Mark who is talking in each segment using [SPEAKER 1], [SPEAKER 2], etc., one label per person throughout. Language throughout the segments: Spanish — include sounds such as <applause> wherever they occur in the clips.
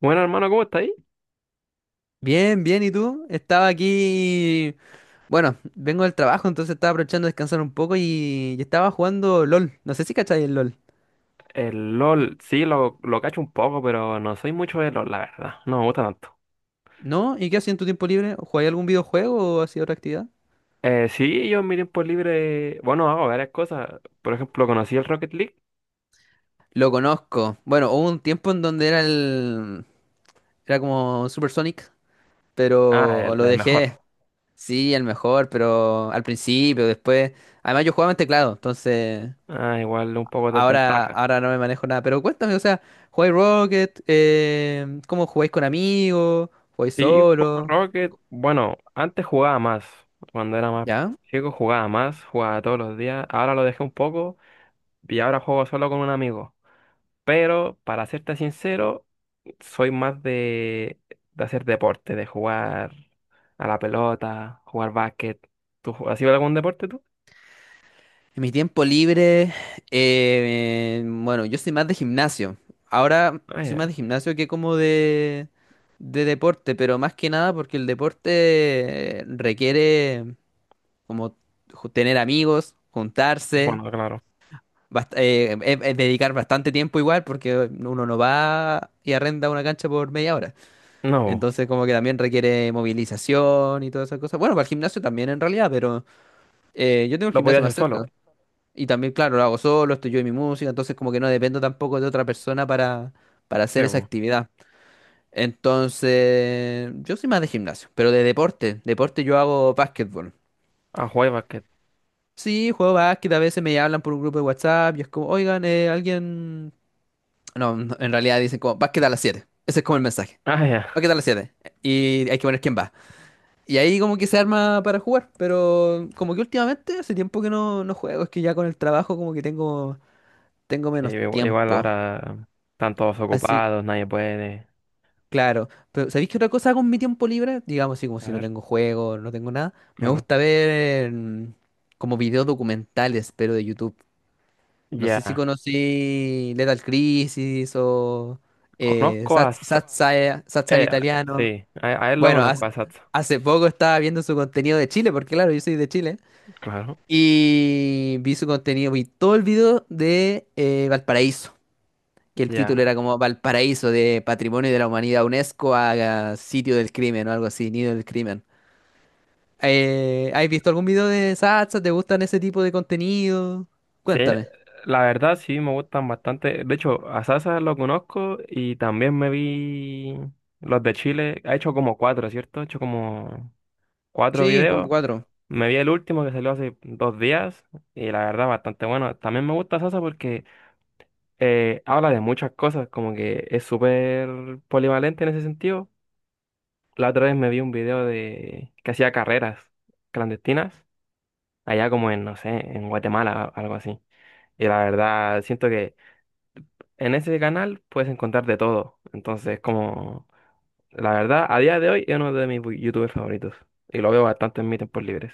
[SPEAKER 1] Bueno, hermano, ¿cómo está ahí?
[SPEAKER 2] Bien, bien, ¿y tú? Estaba aquí, bueno, vengo del trabajo, entonces estaba aprovechando de descansar un poco y estaba jugando LOL. No sé si cacháis el LOL.
[SPEAKER 1] El LOL, sí, lo cacho un poco, pero no soy mucho de LOL, la verdad. No me gusta tanto.
[SPEAKER 2] ¿No? ¿Y qué hacías en tu tiempo libre? ¿Jugáis algún videojuego o hacías otra actividad?
[SPEAKER 1] Sí, yo en mi tiempo libre, bueno, hago varias cosas. Por ejemplo, conocí el Rocket League.
[SPEAKER 2] Lo conozco. Bueno, hubo un tiempo en donde era el... Era como Super Sonic,
[SPEAKER 1] Ah,
[SPEAKER 2] pero
[SPEAKER 1] el,
[SPEAKER 2] lo
[SPEAKER 1] el mejor.
[SPEAKER 2] dejé. Sí, el mejor, pero al principio, después... Además yo jugaba en teclado, entonces...
[SPEAKER 1] Ah, igual un poco de
[SPEAKER 2] Ahora,
[SPEAKER 1] desventaja.
[SPEAKER 2] ahora no me manejo nada, pero cuéntame, o sea, ¿jugáis Rocket? ¿Cómo jugáis con amigos? ¿Jugáis
[SPEAKER 1] Sí, juego
[SPEAKER 2] solo?
[SPEAKER 1] Rocket. Bueno, antes jugaba más. Cuando era más
[SPEAKER 2] ¿Ya?
[SPEAKER 1] chico jugaba más, jugaba todos los días. Ahora lo dejé un poco y ahora juego solo con un amigo. Pero para serte sincero, soy más de hacer deporte, de jugar a la pelota, jugar básquet. Has ido a algún deporte tú?
[SPEAKER 2] En mi tiempo libre, bueno, yo soy más de gimnasio. Ahora
[SPEAKER 1] Ah,
[SPEAKER 2] soy más
[SPEAKER 1] ya.
[SPEAKER 2] de gimnasio que como de deporte, pero más que nada porque el deporte requiere como tener amigos, juntarse,
[SPEAKER 1] Bueno, claro.
[SPEAKER 2] dedicar bastante tiempo igual porque uno no va y arrenda una cancha por media hora.
[SPEAKER 1] No,
[SPEAKER 2] Entonces como que también requiere movilización y todas esas cosas. Bueno, para el gimnasio también en realidad, pero yo tengo el
[SPEAKER 1] lo podía
[SPEAKER 2] gimnasio más
[SPEAKER 1] hacer solo.
[SPEAKER 2] cerca. Y también, claro, lo hago solo, estoy yo y mi música, entonces como que no dependo tampoco de otra persona para hacer esa
[SPEAKER 1] Debo.
[SPEAKER 2] actividad. Entonces, yo soy más de gimnasio, pero de deporte. Deporte yo hago básquetbol.
[SPEAKER 1] A jugar básquet.
[SPEAKER 2] Sí, juego básquet, a veces me hablan por un grupo de WhatsApp y es como, oigan, alguien... No, no, en realidad dicen como, básquet a las siete. Ese es como el mensaje.
[SPEAKER 1] Ah, ya.
[SPEAKER 2] Básquet a las siete. Y hay que poner quién va. Y ahí como que se arma para jugar, pero como que últimamente hace tiempo que no, no juego, es que ya con el trabajo como que tengo, tengo
[SPEAKER 1] Sí,
[SPEAKER 2] menos
[SPEAKER 1] igual
[SPEAKER 2] tiempo.
[SPEAKER 1] ahora están todos
[SPEAKER 2] Así,
[SPEAKER 1] ocupados, nadie puede.
[SPEAKER 2] claro. Pero ¿sabéis qué otra cosa hago en mi tiempo libre? Digamos así como
[SPEAKER 1] A
[SPEAKER 2] si no
[SPEAKER 1] ver,
[SPEAKER 2] tengo juego, no tengo nada. Me
[SPEAKER 1] claro.
[SPEAKER 2] gusta ver como videos documentales, pero de YouTube. No sé si
[SPEAKER 1] Ya.
[SPEAKER 2] conocí Lethal Crisis o
[SPEAKER 1] Conozco
[SPEAKER 2] Sat-
[SPEAKER 1] a...
[SPEAKER 2] Satsai- Satsal
[SPEAKER 1] Eh,
[SPEAKER 2] Italiano.
[SPEAKER 1] sí, a él lo
[SPEAKER 2] Bueno,
[SPEAKER 1] conozco,
[SPEAKER 2] hace,
[SPEAKER 1] a Satsu.
[SPEAKER 2] hace poco estaba viendo su contenido de Chile, porque claro, yo soy de Chile.
[SPEAKER 1] Claro.
[SPEAKER 2] Y vi su contenido, vi todo el video de Valparaíso, que el título
[SPEAKER 1] Ya.
[SPEAKER 2] era como Valparaíso de Patrimonio de la Humanidad UNESCO a sitio del crimen o algo así, nido del crimen. ¿Has visto algún video de Satsa? ¿Te gustan ese tipo de contenido?
[SPEAKER 1] Sí,
[SPEAKER 2] Cuéntame.
[SPEAKER 1] la verdad sí me gustan bastante. De hecho, a Sasa lo conozco y también me vi los de Chile. Ha hecho como cuatro, ¿cierto? Ha hecho como cuatro
[SPEAKER 2] Sí, como
[SPEAKER 1] videos.
[SPEAKER 2] cuatro.
[SPEAKER 1] Me vi el último que salió hace dos días y la verdad bastante bueno. También me gusta Sasa porque habla de muchas cosas, como que es súper polivalente en ese sentido. La otra vez me vi un video de que hacía carreras clandestinas, allá como en, no sé, en Guatemala, algo así. Y la verdad siento que en ese canal puedes encontrar de todo. Entonces, como la verdad, a día de hoy es uno de mis youtubers favoritos. Y lo veo bastante en mis tiempos libres.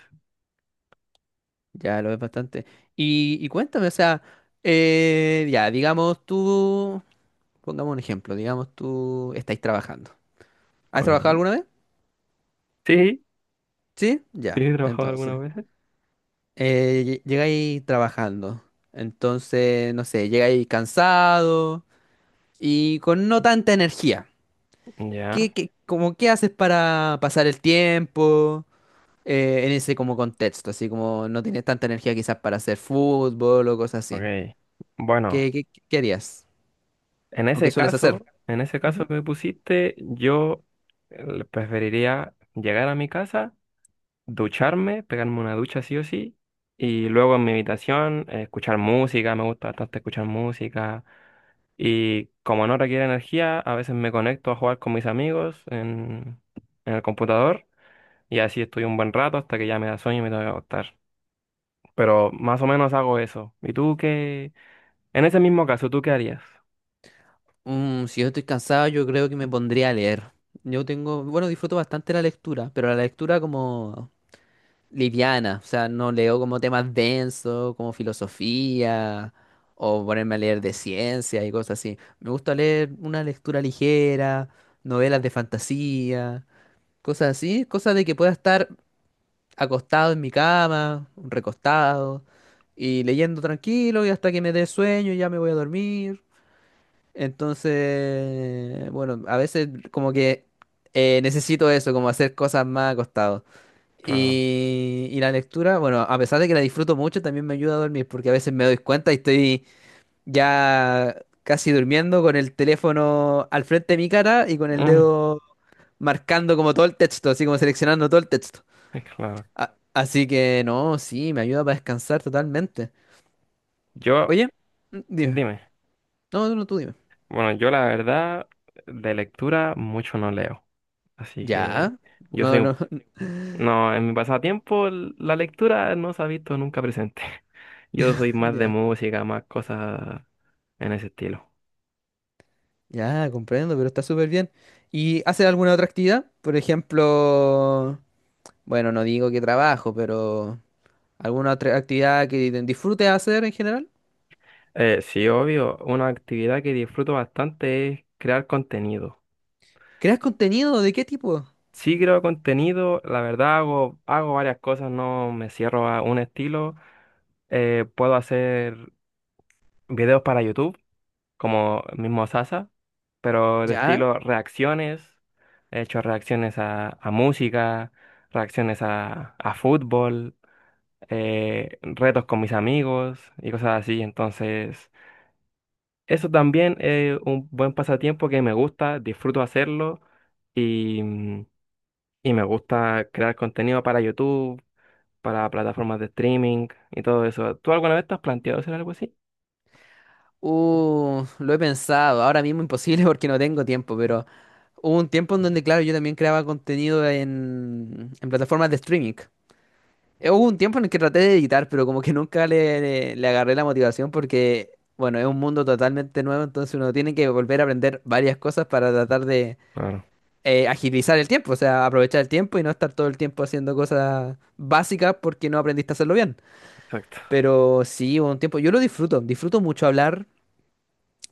[SPEAKER 2] Ya lo ves bastante. Y cuéntame, o sea, ya, digamos tú, pongamos un ejemplo, digamos tú estáis trabajando. ¿Has trabajado
[SPEAKER 1] Ok.
[SPEAKER 2] alguna vez?
[SPEAKER 1] Sí,
[SPEAKER 2] Sí,
[SPEAKER 1] sí,
[SPEAKER 2] ya,
[SPEAKER 1] he trabajado
[SPEAKER 2] entonces.
[SPEAKER 1] algunas veces.
[SPEAKER 2] Llegáis trabajando. Entonces, no sé, llegáis cansado y con no tanta energía.
[SPEAKER 1] Ya.
[SPEAKER 2] ¿Qué, qué, como, qué haces para pasar el tiempo en ese como contexto? Así como no tienes tanta energía quizás para hacer fútbol o cosas así.
[SPEAKER 1] Ok. Bueno,
[SPEAKER 2] ¿Qué, qué, qué harías? ¿O qué sueles hacer?
[SPEAKER 1] en ese caso
[SPEAKER 2] Ujú.
[SPEAKER 1] que me pusiste, yo preferiría llegar a mi casa, ducharme, pegarme una ducha sí o sí, y luego en mi habitación escuchar música, me gusta bastante escuchar música. Y como no requiere energía, a veces me conecto a jugar con mis amigos en el computador y así estoy un buen rato hasta que ya me da sueño y me tengo que acostar. Pero más o menos hago eso. ¿Y tú qué? En ese mismo caso, ¿tú qué harías?
[SPEAKER 2] Mm, si yo estoy cansado, yo creo que me pondría a leer. Yo tengo, bueno, disfruto bastante la lectura, pero la lectura como liviana, o sea, no leo como temas densos, como filosofía, o ponerme a leer de ciencia y cosas así. Me gusta leer una lectura ligera, novelas de fantasía, cosas así, cosas de que pueda estar acostado en mi cama, recostado, y leyendo tranquilo y hasta que me dé sueño, y ya me voy a dormir. Entonces, bueno, a veces como que necesito eso, como hacer cosas más acostado.
[SPEAKER 1] Claro.
[SPEAKER 2] Y la lectura, bueno, a pesar de que la disfruto mucho, también me ayuda a dormir, porque a veces me doy cuenta y estoy ya casi durmiendo con el teléfono al frente de mi cara y con el
[SPEAKER 1] Mm,
[SPEAKER 2] dedo marcando como todo el texto, así como seleccionando todo el texto.
[SPEAKER 1] es claro.
[SPEAKER 2] Así que no, sí, me ayuda para descansar totalmente.
[SPEAKER 1] Yo,
[SPEAKER 2] Oye, dime.
[SPEAKER 1] dime.
[SPEAKER 2] No, no, tú dime.
[SPEAKER 1] Bueno, yo la verdad, de lectura mucho no leo. Así que
[SPEAKER 2] Ya.
[SPEAKER 1] yo
[SPEAKER 2] No,
[SPEAKER 1] soy un...
[SPEAKER 2] no. <laughs>
[SPEAKER 1] No, en mi pasatiempo la lectura no se ha visto nunca presente. <laughs> Yo soy más de
[SPEAKER 2] Ya,
[SPEAKER 1] música, más cosas en ese estilo.
[SPEAKER 2] ya, comprendo, pero está súper bien. ¿Y haces alguna otra actividad? Por ejemplo... Bueno, no digo que trabajo, pero ¿alguna otra actividad que disfrutes hacer en general?
[SPEAKER 1] Sí, obvio, una actividad que disfruto bastante es crear contenido.
[SPEAKER 2] ¿Creas contenido? ¿De qué tipo?
[SPEAKER 1] Sí creo contenido, la verdad hago, hago varias cosas, no me cierro a un estilo. Puedo hacer videos para YouTube, como el mismo Sasa, pero de
[SPEAKER 2] ¿Ya?
[SPEAKER 1] estilo reacciones. He hecho reacciones a música, reacciones a fútbol, retos con mis amigos y cosas así. Entonces, eso también es un buen pasatiempo que me gusta, disfruto hacerlo y, mm, y me gusta crear contenido para YouTube, para plataformas de streaming y todo eso. ¿Tú alguna vez te has planteado hacer algo así?
[SPEAKER 2] Lo he pensado. Ahora mismo imposible <laughs> porque no tengo tiempo, pero hubo un tiempo en donde, claro, yo también creaba contenido en plataformas de streaming. Hubo un tiempo en el que traté de editar, pero como que nunca le, le agarré la motivación porque, bueno, es un mundo totalmente nuevo, entonces uno tiene que volver a aprender varias cosas para tratar de
[SPEAKER 1] Claro,
[SPEAKER 2] agilizar el tiempo, o sea, aprovechar el tiempo y no estar todo el tiempo haciendo cosas básicas porque no aprendiste a hacerlo bien.
[SPEAKER 1] exacto.
[SPEAKER 2] Pero sí, hubo un tiempo, yo lo disfruto, disfruto mucho hablar,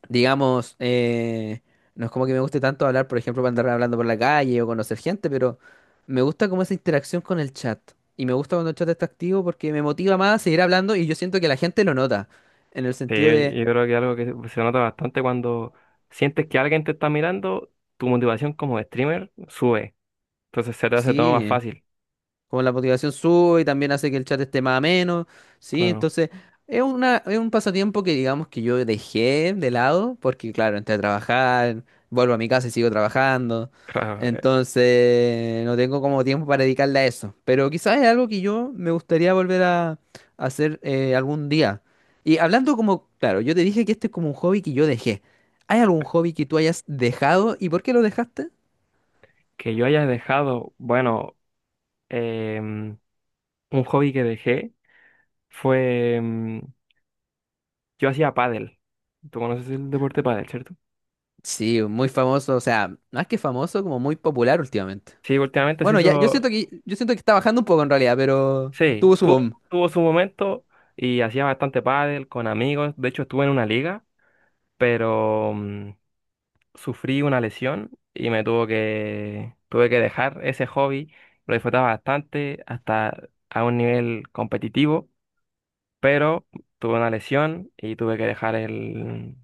[SPEAKER 2] digamos, no es como que me guste tanto hablar, por ejemplo, para andar hablando por la calle o conocer gente, pero me gusta como esa interacción con el chat. Y me gusta cuando el chat está activo porque me motiva más a seguir hablando y yo siento que la gente lo nota, en el
[SPEAKER 1] Sí,
[SPEAKER 2] sentido
[SPEAKER 1] yo
[SPEAKER 2] de,
[SPEAKER 1] yo creo que algo que se nota bastante cuando sientes que alguien te está mirando, tu motivación como streamer sube. Entonces se te hace todo más
[SPEAKER 2] sí.
[SPEAKER 1] fácil.
[SPEAKER 2] Como la motivación sube y también hace que el chat esté más ameno, ¿sí?
[SPEAKER 1] Bueno,
[SPEAKER 2] Entonces, es una, es un pasatiempo que digamos que yo dejé de lado, porque claro, entré a trabajar, vuelvo a mi casa y sigo trabajando.
[SPEAKER 1] claro,
[SPEAKER 2] Entonces, no tengo como tiempo para dedicarle a eso. Pero quizás es algo que yo me gustaría volver a hacer algún día. Y hablando como, claro, yo te dije que este es como un hobby que yo dejé. ¿Hay algún hobby que tú hayas dejado y por qué lo dejaste?
[SPEAKER 1] que yo haya dejado, bueno, em, un hobby que dejé fue, yo hacía pádel. ¿Tú conoces el deporte pádel, cierto?
[SPEAKER 2] Sí, muy famoso, o sea, más que famoso, como muy popular últimamente.
[SPEAKER 1] Sí, últimamente se
[SPEAKER 2] Bueno, ya,
[SPEAKER 1] hizo,
[SPEAKER 2] yo siento que está bajando un poco en realidad, pero
[SPEAKER 1] sí,
[SPEAKER 2] tuvo su
[SPEAKER 1] tuvo,
[SPEAKER 2] boom.
[SPEAKER 1] tuvo su momento y hacía bastante pádel con amigos. De hecho, estuve en una liga, pero... sufrí una lesión y me tuvo que, tuve que dejar ese hobby. Lo disfrutaba bastante hasta a un nivel competitivo, pero tuve una lesión y tuve que dejar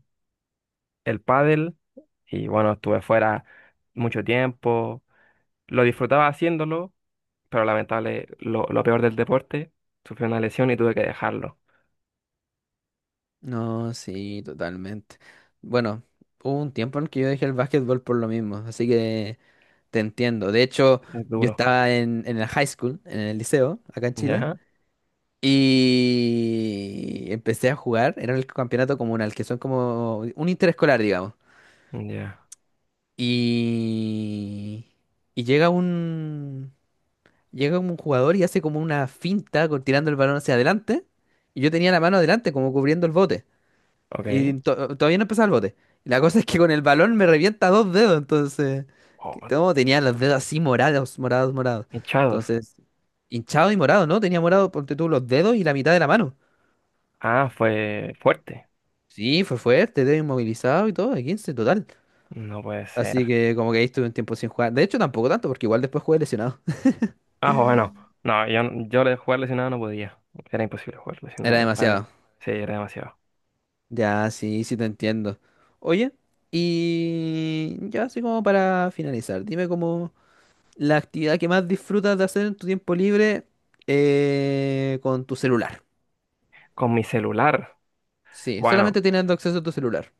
[SPEAKER 1] el pádel y bueno, estuve fuera mucho tiempo. Lo disfrutaba haciéndolo, pero lamentable, lo peor del deporte, sufrí una lesión y tuve que dejarlo.
[SPEAKER 2] No, sí, totalmente. Bueno, hubo un tiempo en que yo dejé el básquetbol por lo mismo, así que te entiendo. De hecho,
[SPEAKER 1] Es
[SPEAKER 2] yo
[SPEAKER 1] duro.
[SPEAKER 2] estaba en el high school, en el liceo, acá en Chile,
[SPEAKER 1] Ya,
[SPEAKER 2] y empecé a jugar. Era el campeonato comunal, que son como un interescolar, digamos.
[SPEAKER 1] ya,
[SPEAKER 2] Y, y llega un... Llega como un jugador y hace como una finta tirando el balón hacia adelante. Y yo tenía la mano adelante, como cubriendo el bote. Y
[SPEAKER 1] ok.
[SPEAKER 2] todavía no empezaba el bote. Y la cosa es que con el balón me revienta dos dedos. Entonces,
[SPEAKER 1] Oh,
[SPEAKER 2] no, tenía los dedos así morados, morados, morados.
[SPEAKER 1] hinchados.
[SPEAKER 2] Entonces, hinchado y morado, ¿no? Tenía morado, ponte tú, los dedos y la mitad de la mano.
[SPEAKER 1] Ah, fue fuerte.
[SPEAKER 2] Sí, fue fuerte, dedo inmovilizado y todo, de 15 total.
[SPEAKER 1] No puede ser.
[SPEAKER 2] Así que como que ahí estuve un tiempo sin jugar. De hecho, tampoco tanto, porque igual después jugué lesionado. <laughs>
[SPEAKER 1] Ah, joder, no. No, jugar lesionado no podía. Era imposible jugar
[SPEAKER 2] Era
[SPEAKER 1] lesionado de pádel.
[SPEAKER 2] demasiado.
[SPEAKER 1] Sí, era demasiado.
[SPEAKER 2] Ya, sí, sí te entiendo. Oye, y ya así como para finalizar, dime como la actividad que más disfrutas de hacer en tu tiempo libre con tu celular.
[SPEAKER 1] Con mi celular.
[SPEAKER 2] Sí,
[SPEAKER 1] Bueno,
[SPEAKER 2] solamente teniendo acceso a tu celular.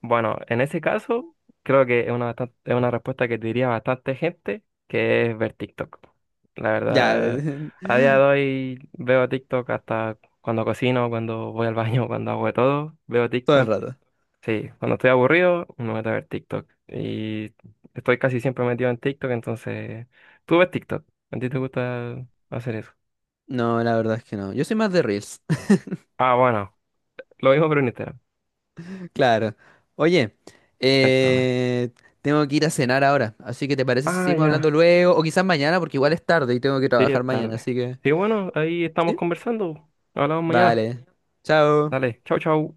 [SPEAKER 1] bueno, en ese caso, creo que es una, es una respuesta que diría bastante gente, que es ver TikTok. La
[SPEAKER 2] Ya,
[SPEAKER 1] verdad, a
[SPEAKER 2] <laughs>
[SPEAKER 1] día de hoy veo TikTok hasta cuando cocino, cuando voy al baño, <laughs> cuando hago de todo. Veo
[SPEAKER 2] todo el
[SPEAKER 1] TikTok.
[SPEAKER 2] rato.
[SPEAKER 1] Sí, cuando estoy aburrido, me meto a ver TikTok. Y estoy casi siempre metido en TikTok, entonces... ¿Tú ves TikTok? ¿A ti te gusta hacer eso?
[SPEAKER 2] No, la verdad es que no. Yo soy más de Reels. <laughs>
[SPEAKER 1] Ah, bueno, lo mismo pero en Instagram.
[SPEAKER 2] Claro. Oye,
[SPEAKER 1] Cuéntame.
[SPEAKER 2] eh, tengo que ir a cenar ahora, así que ¿te parece si
[SPEAKER 1] Ah,
[SPEAKER 2] seguimos hablando
[SPEAKER 1] ya.
[SPEAKER 2] luego? O quizás mañana, porque igual es tarde y tengo que
[SPEAKER 1] Sí,
[SPEAKER 2] trabajar
[SPEAKER 1] es
[SPEAKER 2] mañana,
[SPEAKER 1] tarde.
[SPEAKER 2] así que...
[SPEAKER 1] Sí, bueno, ahí estamos
[SPEAKER 2] ¿Sí?
[SPEAKER 1] conversando. Hablamos mañana.
[SPEAKER 2] Vale. Chao.
[SPEAKER 1] Dale, chau, chau.